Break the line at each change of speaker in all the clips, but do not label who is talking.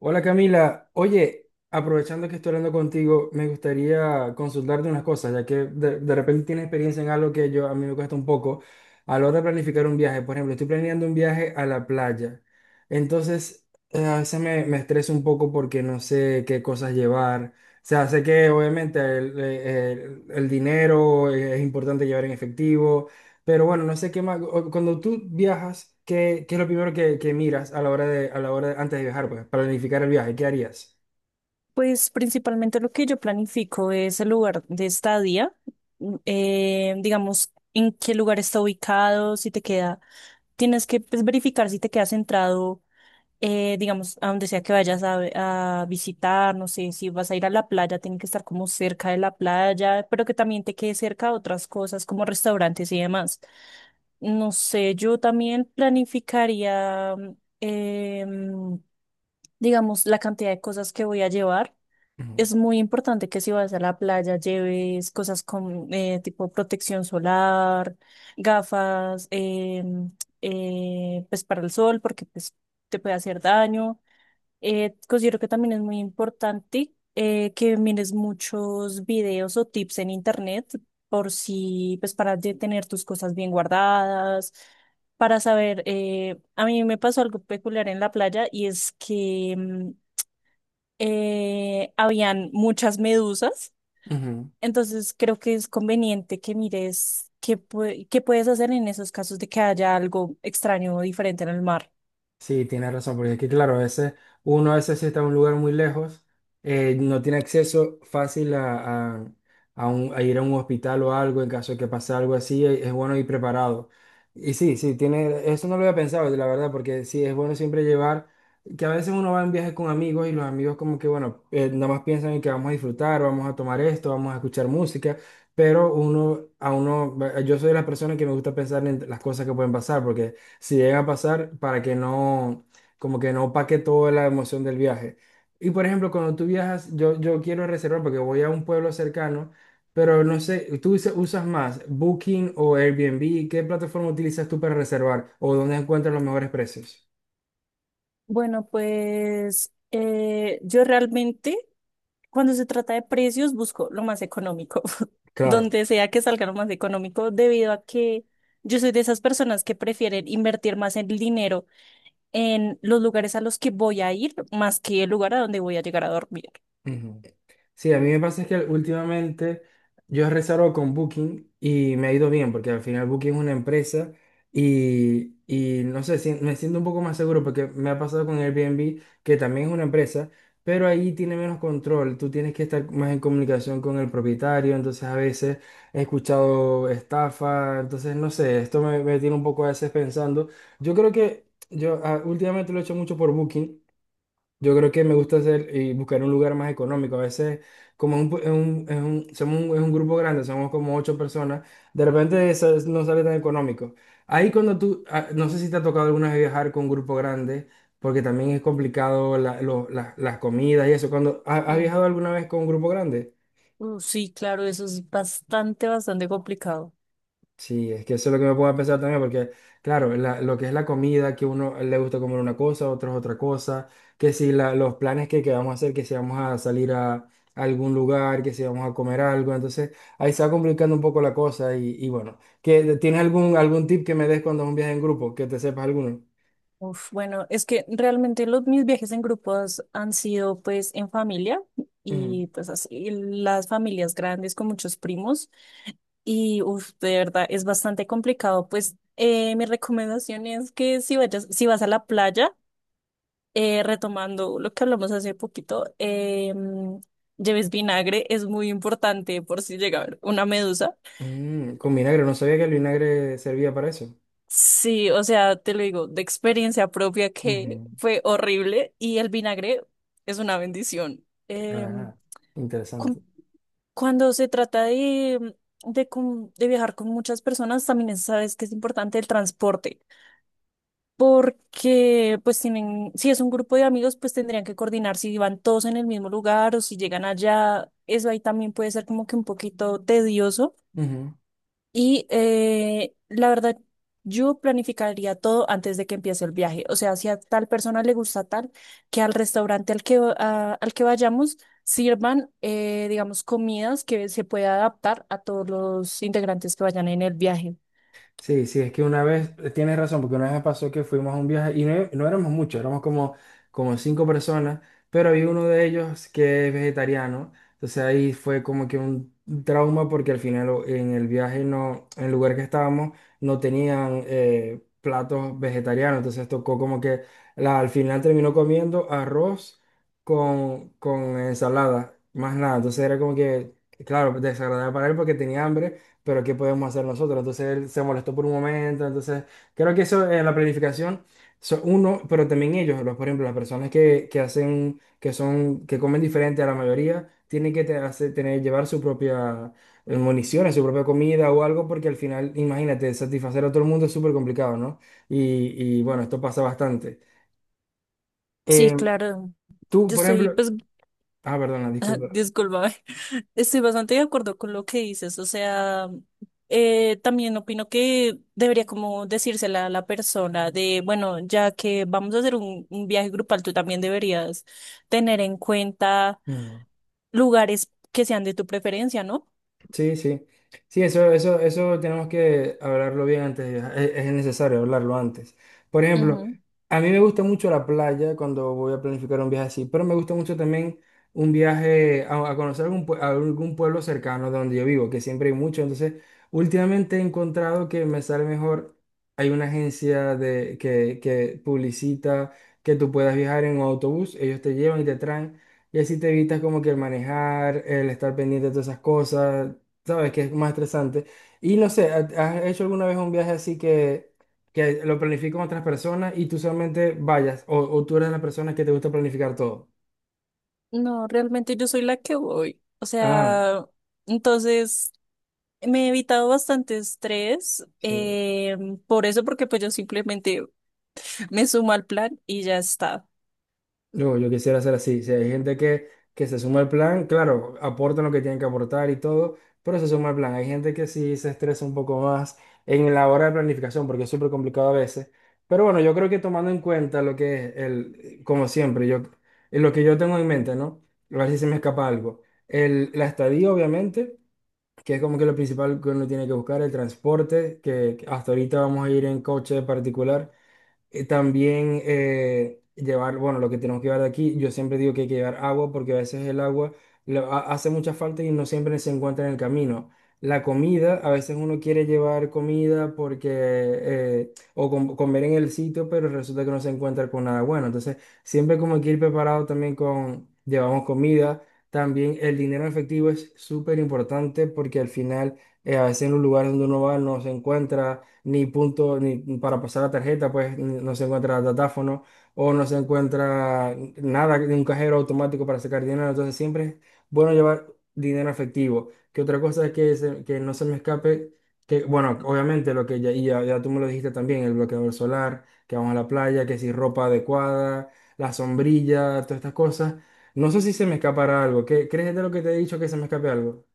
Hola Camila, oye, aprovechando que estoy hablando contigo, me gustaría consultarte unas cosas, ya que de repente tienes experiencia en algo que yo a mí me cuesta un poco a la hora de planificar un viaje. Por ejemplo, estoy planeando un viaje a la playa, entonces a veces me estreso un poco porque no sé qué cosas llevar. O sea, sé que obviamente el dinero es importante llevar en efectivo, pero bueno, no sé qué más. Cuando tú viajas, qué es lo primero que miras a la hora de antes de viajar, pues, para planificar el viaje? ¿Qué harías?
Pues principalmente lo que yo planifico es el lugar de estadía. Digamos, en qué lugar está ubicado, si te queda, tienes que, pues, verificar si te queda centrado. Digamos, a donde sea que vayas a visitar, no sé, si vas a ir a la playa, tiene que estar como cerca de la playa, pero que también te quede cerca a otras cosas como restaurantes y demás. No sé, yo también planificaría, em, digamos, la cantidad de cosas que voy a llevar.
Ujú,
Es muy importante que si vas a la playa lleves cosas con tipo protección solar, gafas. Pues para el sol, porque pues te puede hacer daño. Considero que también es muy importante que mires muchos videos o tips en internet por si, pues, para tener tus cosas bien guardadas, para saber, a mí me pasó algo peculiar en la playa, y es que habían muchas medusas.
ujú.
Entonces creo que es conveniente que mires qué, qué puedes hacer en esos casos de que haya algo extraño o diferente en el mar.
Sí, tienes razón, porque es que claro, a veces uno a veces sí está en un lugar muy lejos, no tiene acceso fácil a a ir a un hospital o algo en caso de que pase algo así, es bueno ir preparado. Y sí, sí, tiene, eso no lo había pensado, la verdad, porque sí, es bueno siempre llevar, que a veces uno va en viaje con amigos y los amigos como que, bueno, nada más piensan en que vamos a disfrutar, vamos a tomar esto, vamos a escuchar música, pero uno, a uno, yo soy de las personas que me gusta pensar en las cosas que pueden pasar, porque si llega a pasar para que no, como que no paque toda la emoción del viaje. Y por ejemplo, cuando tú viajas, yo quiero reservar porque voy a un pueblo cercano, pero no sé, ¿tú usas más Booking o Airbnb? ¿Qué plataforma utilizas tú para reservar o dónde encuentras los mejores precios?
Bueno, pues yo realmente, cuando se trata de precios, busco lo más económico,
Claro.
donde sea que salga lo más económico, debido a que yo soy de esas personas que prefieren invertir más el dinero en los lugares a los que voy a ir, más que el lugar a donde voy a llegar a dormir.
Ujú. Sí, a mí me pasa es que últimamente yo he reservado con Booking y me ha ido bien, porque al final Booking es una empresa y no sé, me siento un poco más seguro porque me ha pasado con Airbnb, que también es una empresa, pero ahí tiene menos control, tú tienes que estar más en comunicación con el propietario, entonces a veces he escuchado estafa, entonces no sé, esto me tiene un poco a veces pensando. Yo creo que yo últimamente lo he hecho mucho por Booking. Yo creo que me gusta hacer y buscar un lugar más económico. A veces, como es un, pu- es un- somos un, es un grupo grande, somos como 8 personas, de repente eso no sale tan económico. Ahí cuando tú, no sé si te ha tocado alguna vez viajar con un grupo grande, porque también es complicado las comidas y eso. Cuando, has viajado alguna vez con un grupo grande?
Sí, claro, eso es bastante, bastante complicado.
Sí, es que eso es lo que me pongo a pensar también, porque claro, lo que es la comida, que uno le gusta comer una cosa, otros otra cosa, que si los planes que vamos a hacer, que si vamos a salir a, algún lugar, que si vamos a comer algo, entonces ahí se va complicando un poco la cosa y bueno, ¿que tienes algún tip que me des cuando es un viaje en grupo, que te sepas alguno?
Uf, bueno, es que realmente mis viajes en grupos han sido pues en familia,
Ujú.
y pues así las familias grandes con muchos primos, y uf, de verdad es bastante complicado. Pues mi recomendación es que si vas a la playa, retomando lo que hablamos hace poquito, lleves vinagre, es muy importante por si llega a haber una medusa.
Mm, con vinagre, no sabía que el vinagre servía para eso.
Sí, o sea, te lo digo, de experiencia propia que
Ujú.
fue horrible, y el vinagre es una bendición.
Ah,
Cu-
interesante.
Cuando se trata de, de viajar con muchas personas, también sabes que es importante el transporte, porque pues tienen, si es un grupo de amigos, pues tendrían que coordinar si van todos en el mismo lugar o si llegan allá. Eso ahí también puede ser como que un poquito tedioso. Y la verdad, yo planificaría todo antes de que empiece el viaje. O sea, si a tal persona le gusta tal, que al restaurante al que, al que vayamos, sirvan, digamos, comidas que se pueda adaptar a todos los integrantes que vayan en el viaje.
Sí, sí, es que una vez, tienes razón, porque una vez me pasó que fuimos a un viaje y no, e, no éramos muchos, éramos como, como 5 personas, pero había uno de ellos que es vegetariano, entonces ahí fue como que un trauma porque al final en el viaje no, en el lugar que estábamos no tenían platos vegetarianos, entonces tocó como que al final terminó comiendo arroz con ensalada, más nada, entonces era como que, claro, desagradable para él porque tenía hambre pero ¿qué podemos hacer nosotros? Entonces él se molestó por un momento, entonces creo que eso en la planificación, uno, pero también ellos, los, por ejemplo, las personas que hacen, que comen diferente a la mayoría, tienen que tener, llevar su propia municiones, su propia comida o algo, porque al final, imagínate, satisfacer a todo el mundo es súper complicado, ¿no? Bueno, esto pasa bastante.
Sí,
Eh,
claro.
tú,
Yo
por
estoy,
ejemplo,
pues...
ah, perdona, disculpa.
Disculpa, estoy bastante de acuerdo con lo que dices. O sea, también opino que debería como decírsela a la persona de, bueno, ya que vamos a hacer un viaje grupal, tú también deberías tener en cuenta
No, no.
lugares que sean de tu preferencia, ¿no?
Sí, sí. Sí, eso tenemos que hablarlo bien antes, es necesario hablarlo antes. Por ejemplo,
Ujú.
a mí me gusta mucho la playa cuando voy a planificar un viaje así, pero me gusta mucho también un viaje a conocer algún, a algún pueblo cercano de donde yo vivo, que siempre hay mucho. Entonces, últimamente he encontrado que me sale mejor, hay una agencia que publicita que tú puedas viajar en un autobús, ellos te llevan y te traen. Y así te evitas como que el manejar, el estar pendiente de todas esas cosas. ¿Sabes? Que es más estresante. Y no sé, has hecho alguna vez un viaje así que lo planifico con otras personas y tú solamente vayas? O tú eres la persona que te gusta planificar todo.
No, realmente yo soy la que voy. O
Ah,
sea, entonces me he evitado bastante estrés,
sí.
por eso, porque pues yo simplemente me sumo al plan y ya está.
Yo quisiera hacer así. Si hay gente que se suma al plan, claro, aportan lo que tienen que aportar y todo, pero se suma al plan. Hay gente que sí se estresa un poco más en la hora de planificación, porque es súper complicado a veces. Pero bueno, yo creo que tomando en cuenta lo que es el, como siempre, yo, lo que yo tengo en mente, ¿no? A ver si se me escapa algo. El, la estadía, obviamente, que es como que lo principal que uno tiene que buscar, el transporte, que hasta ahorita vamos a ir en coche particular. También llevar, bueno, lo que tenemos que llevar de aquí, yo siempre digo que hay que llevar agua porque a veces el agua hace mucha falta y no siempre se encuentra en el camino. La comida, a veces uno quiere llevar comida porque, comer en el sitio, pero resulta que no se encuentra con nada bueno. Entonces, siempre como hay que ir preparado también con, llevamos comida. También el dinero en efectivo es súper importante porque al final, a veces en los lugares donde uno va no se encuentra ni punto, ni para pasar la tarjeta, pues no se encuentra datáfono o no se encuentra nada de un cajero automático para sacar dinero. Entonces siempre es bueno llevar dinero efectivo. Que otra cosa es que no se me escape, que bueno, obviamente lo que ya, ya tú me lo dijiste también, el bloqueador solar, que vamos a la playa, que si ropa adecuada, la sombrilla, todas estas cosas. No sé si se me escapará algo. ¿Qué, crees de lo que te he dicho que se me escape algo?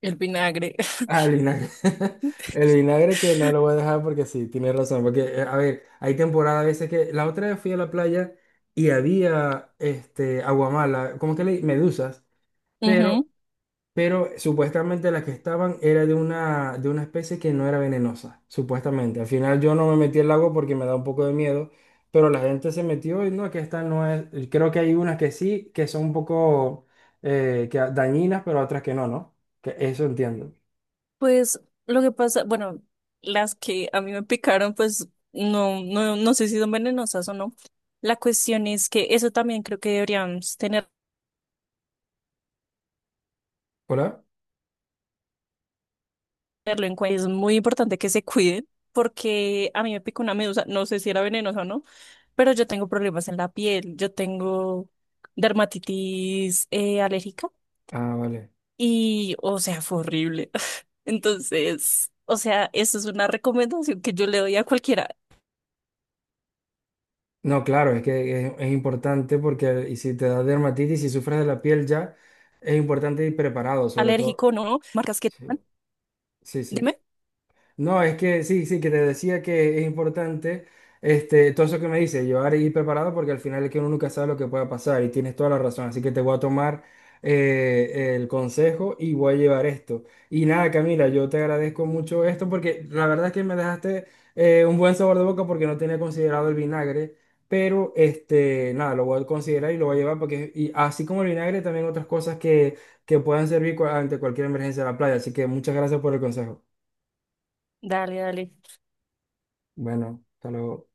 El vinagre.
Ah, el vinagre. El vinagre que no lo voy a dejar porque sí, tienes razón. Porque, a ver, hay temporadas a veces que. La otra vez fui a la playa y había este, aguamala, ¿cómo que le? Medusas. Pero,
Ujú.
pero supuestamente las que estaban era de una especie que no era venenosa, supuestamente. Al final yo no me metí al agua porque me da un poco de miedo, pero la gente se metió y no, que esta no es. Creo que hay unas que sí, que son un poco dañinas, pero otras que no, ¿no? Que eso entiendo.
Pues lo que pasa, bueno, las que a mí me picaron, pues no, no, no sé si son venenosas o no. La cuestión es que eso también creo que deberíamos tenerlo
¿Hola?
en cuenta. Es muy importante que se cuiden, porque a mí me picó una medusa, no sé si era venenosa o no, pero yo tengo problemas en la piel, yo tengo dermatitis alérgica,
Ah, vale.
y, o sea, fue horrible. Entonces, o sea, eso es una recomendación que yo le doy a cualquiera,
No, claro, es que es importante porque y si te da dermatitis y sufres de la piel ya, es importante ir preparado, sobre todo.
alérgico o no, marcas que...
Sí, sí, sí.
Dime.
No, es que sí, sí, que te decía que es importante este, todo eso que me dice, llevar y ir preparado porque al final es que uno nunca sabe lo que pueda pasar y tienes toda la razón. Así que te voy a tomar el consejo y voy a llevar esto. Y nada, Camila, yo te agradezco mucho esto porque la verdad es que me dejaste un buen sabor de boca porque no tenía considerado el vinagre, pero este, nada, lo voy a considerar y lo voy a llevar porque y así como el vinagre, también otras cosas que puedan servir ante cualquier emergencia de la playa. Así que muchas gracias por el consejo.
Dale, dale.
Bueno, hasta luego.